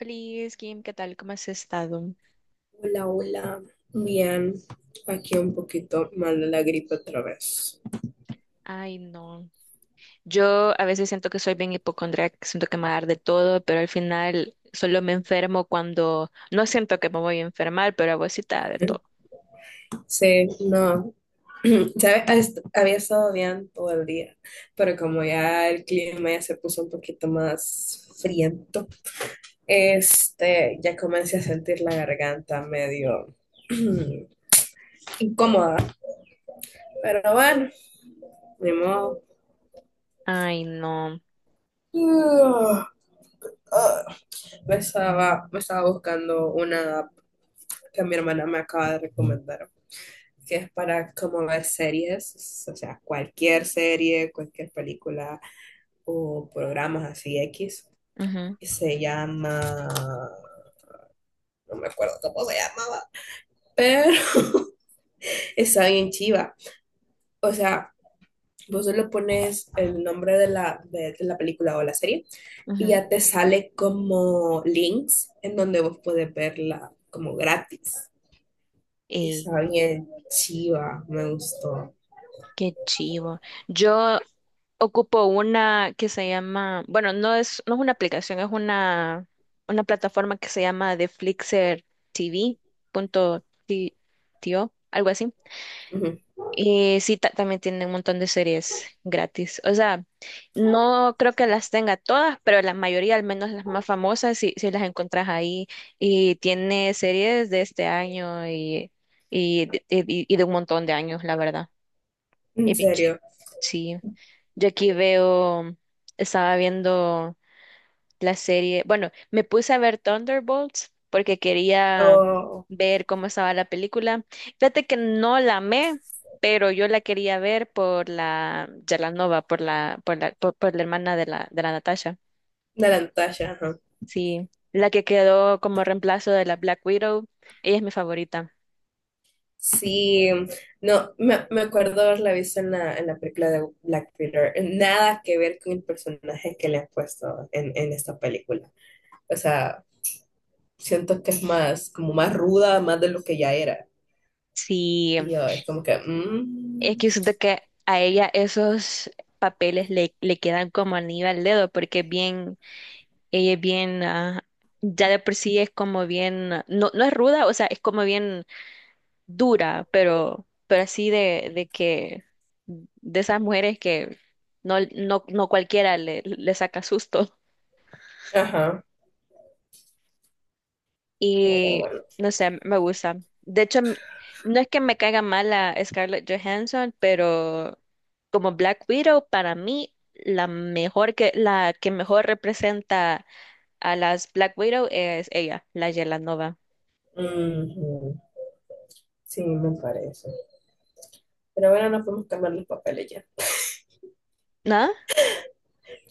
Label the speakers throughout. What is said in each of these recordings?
Speaker 1: Hola, Kim, ¿qué tal? ¿Cómo has estado?
Speaker 2: Hola, hola. Bien, aquí un poquito mal de la gripe otra vez.
Speaker 1: Ay, no. Yo a veces siento que soy bien hipocondríaca, que siento que me va a dar de todo, pero al final solo me enfermo cuando no siento que me voy a enfermar, pero a vos sí te da de todo.
Speaker 2: Sí, no. ¿Sabes? Había estado bien todo el día, pero como ya el clima ya se puso un poquito más friento, ya comencé a sentir la garganta medio incómoda. Pero bueno, ni modo.
Speaker 1: Ay, no.
Speaker 2: Ah, ah. Me estaba buscando una app que mi hermana me acaba de recomendar, que es para como ver series, o sea, cualquier serie, cualquier película o programas así X.
Speaker 1: Ujú,
Speaker 2: Se llama, no me acuerdo cómo se llamaba, pero está bien chiva. O sea, vos le pones el nombre de la película o la serie y
Speaker 1: ujú.
Speaker 2: ya te sale como links en donde vos puedes verla como gratis.
Speaker 1: Ey,
Speaker 2: Está bien chiva, me gustó.
Speaker 1: qué chivo. Yo ocupo una que se llama, bueno, no es una aplicación, es una plataforma que se llama The Flixer TV punto tio, algo así.
Speaker 2: Ujú.
Speaker 1: Y sí, también tiene un montón de series gratis. O sea, no creo que las tenga todas, pero la mayoría, al menos las más famosas, sí, sí las encontrás ahí. Y tiene series de este año y de un montón de años, la verdad. Y
Speaker 2: En
Speaker 1: bien chi-
Speaker 2: serio.
Speaker 1: Sí. Yo aquí veo, Estaba viendo la serie. Bueno, me puse a ver Thunderbolts porque quería
Speaker 2: O
Speaker 1: ver cómo estaba la película. Fíjate que no la amé, pero yo la quería ver por la Yalanova, por la hermana de la Natasha.
Speaker 2: de la Natasha, ajá.
Speaker 1: Sí, la que quedó como reemplazo de la Black Widow. Ella es mi favorita.
Speaker 2: Sí, no, me acuerdo haberla visto en la película de Black Peter. Nada que ver con el personaje que le han puesto en esta película. O sea, siento que es más, como más ruda, más de lo que ya era.
Speaker 1: Sí,
Speaker 2: Y yo, es como que,
Speaker 1: es que siento que a ella esos papeles le quedan como anillo al dedo porque es bien ella es bien, ya de por sí es como bien, no, no es ruda, o sea, es como bien dura, pero así de esas mujeres que no, no, no cualquiera le saca susto.
Speaker 2: ajá, pero
Speaker 1: Y
Speaker 2: bueno.
Speaker 1: no sé, me gusta. De hecho, no es que me caiga mal la Scarlett Johansson, pero como Black Widow, para mí, la que mejor representa a las Black Widow es ella, la Yelanova.
Speaker 2: Ujú. Sí, me parece. Pero bueno, no podemos cambiar los papeles ya.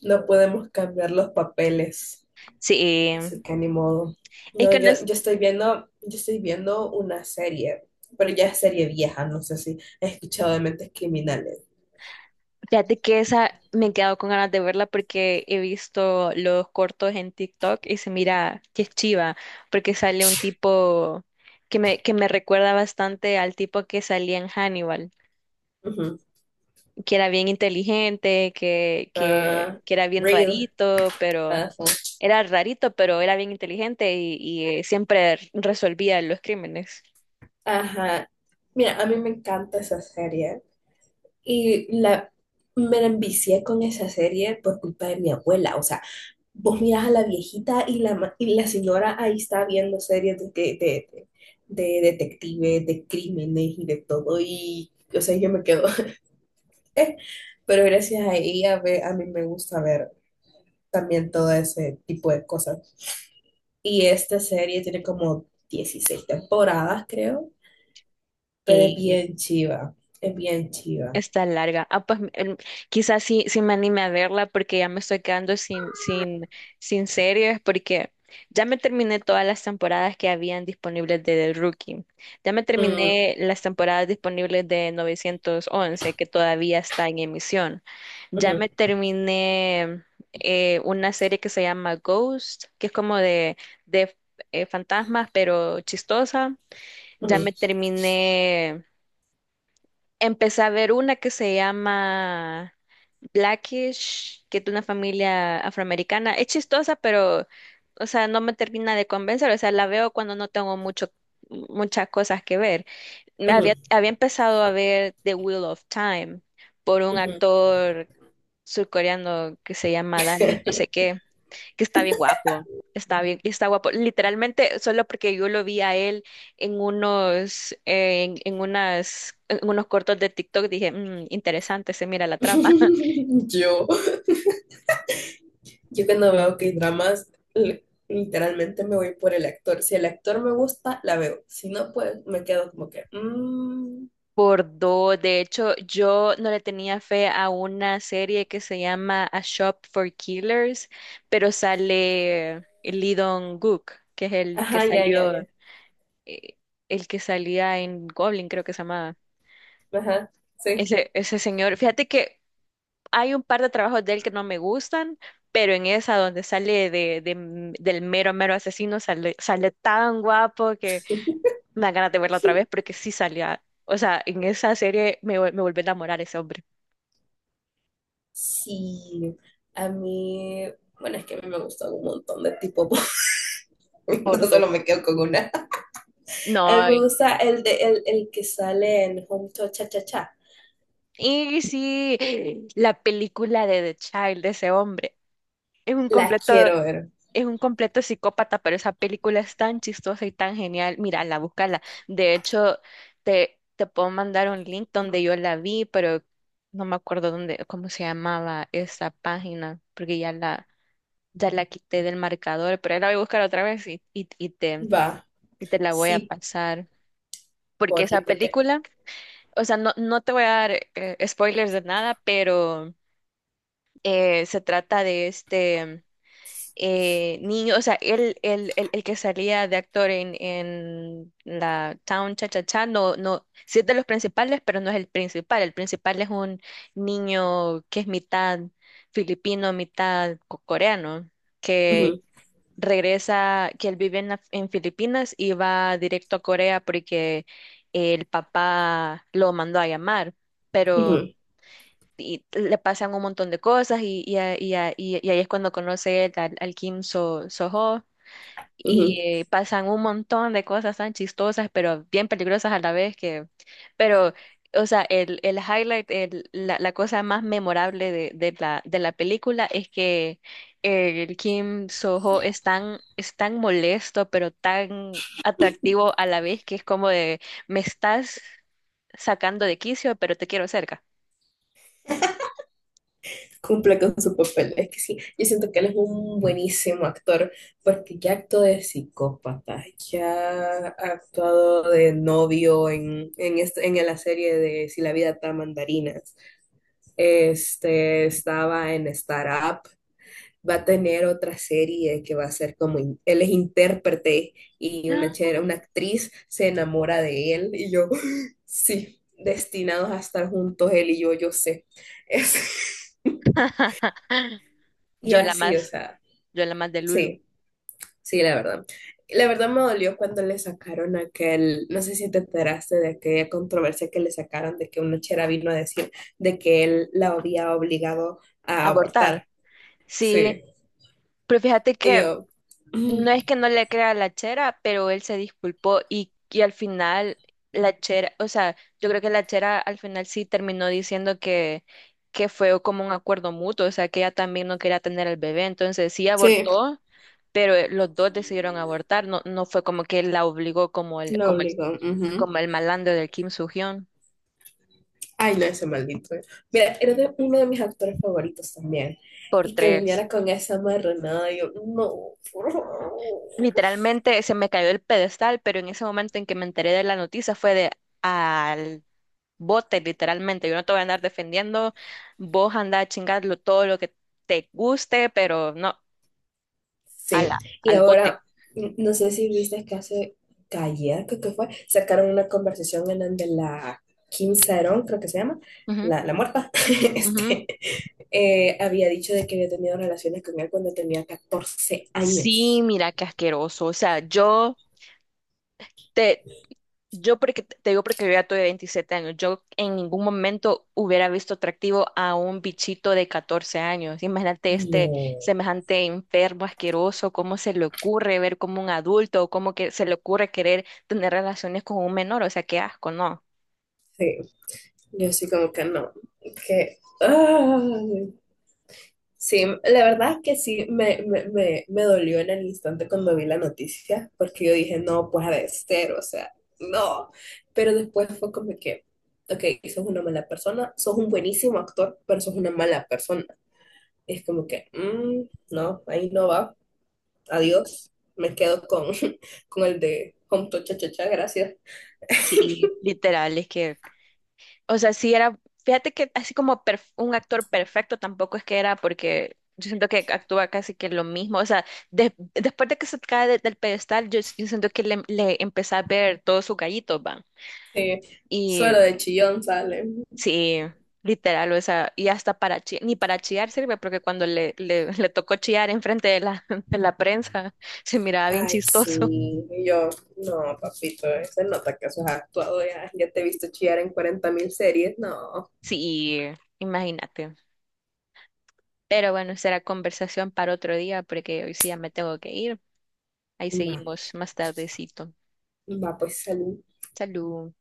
Speaker 2: No podemos cambiar los papeles.
Speaker 1: Sí,
Speaker 2: Así que ni modo.
Speaker 1: es
Speaker 2: No,
Speaker 1: que no
Speaker 2: yo,
Speaker 1: es-
Speaker 2: yo estoy viendo, yo estoy viendo una serie, pero ya es serie vieja, no sé si has escuchado de Mentes Criminales.
Speaker 1: fíjate que esa me he quedado con ganas de verla porque he visto los cortos en TikTok y se mira que es chiva, porque sale un tipo que me recuerda bastante al tipo que salía en Hannibal,
Speaker 2: Ujú.
Speaker 1: que era bien inteligente, que, que,
Speaker 2: Ah,
Speaker 1: que era bien
Speaker 2: real. Ah, sí.
Speaker 1: rarito, pero era bien inteligente siempre resolvía los crímenes.
Speaker 2: Ajá. Mira, a mí me encanta esa serie y me la envicié con esa serie por culpa de mi abuela. O sea, vos mirás a la viejita y la señora ahí está viendo series de detectives, de crímenes y de todo. Y, o sea, yo me quedo, pero gracias a ella a mí me gusta ver también todo ese tipo de cosas. Y esta serie tiene como 16 temporadas, creo, pero es bien chiva, es bien chiva.
Speaker 1: Está larga. Ah, pues quizás sí me anime a verla porque ya me estoy quedando sin series porque ya me terminé todas las temporadas que habían disponibles de The Rookie. Ya me
Speaker 2: Mm,
Speaker 1: terminé las temporadas disponibles de 911 que todavía está en emisión. Ya
Speaker 2: ujú,
Speaker 1: me terminé una serie que se llama Ghost, que es como de fantasmas pero chistosa. Ya me
Speaker 2: ujú,
Speaker 1: terminé Empecé a ver una que se llama Blackish, que es de una familia afroamericana. Es chistosa, pero, o sea, no me termina de convencer. O sea, la veo cuando no tengo muchas cosas que ver. Me había,
Speaker 2: ujú,
Speaker 1: había empezado a ver The Wheel of Time por un
Speaker 2: ujú.
Speaker 1: actor surcoreano que se llama Danny, no sé qué que está bien guapo, está bien, está guapo. Literalmente, solo porque yo lo vi a él en unos, en unas, en unos cortos de TikTok, dije, "Mm, interesante, se mira la trama.
Speaker 2: Yo, yo cuando veo que dramas literalmente me voy por el actor. Si el actor me gusta, la veo. Si no, pues me quedo como que... mm,
Speaker 1: Por dos, de hecho, yo no le tenía fe a una serie que se llama A Shop for Killers, pero sale Lee Dong-gook, que es
Speaker 2: ajá, ya, ya, ya.
Speaker 1: eh, el que salía en Goblin, creo que se llamaba.
Speaker 2: Ajá, sí.
Speaker 1: Ese señor, fíjate que hay un par de trabajos de él que no me gustan, pero en esa donde sale del mero, mero asesino, sale tan guapo que me da ganas de verla otra vez porque sí salía. O sea, en esa serie me volví a enamorar ese hombre.
Speaker 2: Sí, a mí, bueno, es que a mí me gustan un montón de tipos, no
Speaker 1: Por
Speaker 2: solo
Speaker 1: dos.
Speaker 2: me quedo con una. A mí
Speaker 1: No.
Speaker 2: me gusta el que sale en Home to Cha Cha Cha.
Speaker 1: Y sí, la película de The Child de ese hombre es un
Speaker 2: La
Speaker 1: completo.
Speaker 2: quiero ver.
Speaker 1: Es un completo psicópata, pero esa película es tan chistosa y tan genial. Mírala, búscala. De hecho, te puedo mandar un link donde yo la vi, pero no me acuerdo cómo se llamaba esa página, porque ya la quité del marcador, pero ahí la voy a buscar otra vez
Speaker 2: Va,
Speaker 1: y te la voy
Speaker 2: sí,
Speaker 1: a pasar. Porque
Speaker 2: por
Speaker 1: esa
Speaker 2: fin, porque
Speaker 1: película, o sea, no, no te voy a dar spoilers de nada, pero se trata de este. Niño, o sea, el que salía de actor en la Town Cha Cha Cha, no, no, sí es de los principales, pero no es el principal. El principal es un niño que es mitad filipino, mitad coreano, que
Speaker 2: ujú,
Speaker 1: que él vive en Filipinas y va directo a Corea porque el papá lo mandó a llamar. Ujú. Pero
Speaker 2: ujú,
Speaker 1: y, le pasan un montón de cosas y ahí es cuando conoce él al, al Kim Soho y
Speaker 2: ujú,
Speaker 1: pasan un montón de cosas tan chistosas pero bien peligrosas a la vez que pero o sea el highlight la cosa más memorable de la película es que el Kim Soho es tan molesto pero tan atractivo a la vez que es como de me estás sacando de quicio pero te quiero cerca
Speaker 2: cumple con su papel. Es que sí, yo siento que él es un buenísimo actor, porque ya actuó de psicópata, ya ha actuado de novio en, en la serie de Si la vida está mandarinas. Este estaba en Startup. Va a tener otra serie que va a ser como él es intérprete y una chera, una actriz se enamora de él y yo, sí, destinados a estar juntos él y yo sé. Es- y
Speaker 1: Yo la
Speaker 2: así, o
Speaker 1: más,
Speaker 2: sea,
Speaker 1: yo la más de Lulu.
Speaker 2: sí, sí, la verdad. La verdad me dolió cuando le sacaron aquel, no sé si te enteraste de aquella controversia que le sacaron de que una chera vino a decir de que él la había obligado a
Speaker 1: Abortar.
Speaker 2: abortar.
Speaker 1: Sí,
Speaker 2: Sí.
Speaker 1: pero fíjate
Speaker 2: Y
Speaker 1: que
Speaker 2: yo,
Speaker 1: no es
Speaker 2: mm,
Speaker 1: que no le crea a la chera, pero él se disculpó y al final la chera, o sea, yo creo que la chera al final sí terminó diciendo que fue como un acuerdo mutuo, o sea, que ella también no quería tener al bebé, entonces sí
Speaker 2: sí,
Speaker 1: abortó, pero los dos decidieron abortar, no, no fue como que él la obligó como el,
Speaker 2: lo
Speaker 1: como el,
Speaker 2: obligó. Ujú.
Speaker 1: como el malandro del Kim Soo-hyun
Speaker 2: Ay, no, ese maldito. Mira, era de uno de mis actores favoritos también.
Speaker 1: por
Speaker 2: Y que
Speaker 1: tres.
Speaker 2: viniera con esa marranada, yo, no, por favor.
Speaker 1: Literalmente se me cayó el pedestal, pero en ese momento en que me enteré de la noticia fue de al bote, literalmente. Yo no te voy a andar defendiendo, vos andá a chingarlo todo lo que te guste, pero no, a
Speaker 2: Sí,
Speaker 1: la,
Speaker 2: y
Speaker 1: al bote.
Speaker 2: ahora, no sé si viste que hace, que ayer, creo que fue, sacaron una conversación en donde la Kim Saeron, creo que se llama,
Speaker 1: Ujú,
Speaker 2: la muerta,
Speaker 1: ujú.
Speaker 2: este, había dicho de que había tenido relaciones con él cuando tenía 14
Speaker 1: Sí,
Speaker 2: años.
Speaker 1: mira qué asqueroso. O sea, te, yo porque te digo porque yo ya tuve 27 años, yo en ningún momento hubiera visto atractivo a un bichito de 14 años. Imagínate este
Speaker 2: No.
Speaker 1: semejante enfermo, asqueroso, cómo se le ocurre ver como un adulto, o cómo que se le ocurre querer tener relaciones con un menor, o sea, qué asco, ¿no?
Speaker 2: Sí. Yo sí como que no, que... ay. Sí, la verdad es que sí, me dolió en el instante cuando vi la noticia, porque yo dije, no, pues ha de ser, o sea, no. Pero después fue como que, ok, sos una mala persona, sos un buenísimo actor, pero sos una mala persona. Es como que, mm, no, ahí no va, adiós, me quedo con, con el de Home to Cha Cha Cha, gracias.
Speaker 1: Sí. Literal, es que o sea, fíjate que así como un actor perfecto tampoco es que era porque yo siento que actúa casi que lo mismo. O sea, después de que se cae del pedestal, yo siento que le empecé a ver todos sus gallitos, van.
Speaker 2: Sí,
Speaker 1: Y
Speaker 2: solo de chillón sale.
Speaker 1: sí, literal, o sea, y hasta para ni para chillar sirve, porque cuando le tocó chillar enfrente de la, de la prensa, se miraba bien
Speaker 2: Ay,
Speaker 1: chistoso.
Speaker 2: sí. Y yo, no, papito, se nota que eso has actuado ya. Ya te he visto chillar en 40 mil series. No,
Speaker 1: Sí, imagínate. Pero bueno, será conversación para otro día, porque hoy sí ya me tengo que ir. Ahí
Speaker 2: va,
Speaker 1: seguimos más tardecito.
Speaker 2: va, pues salud.
Speaker 1: Salud.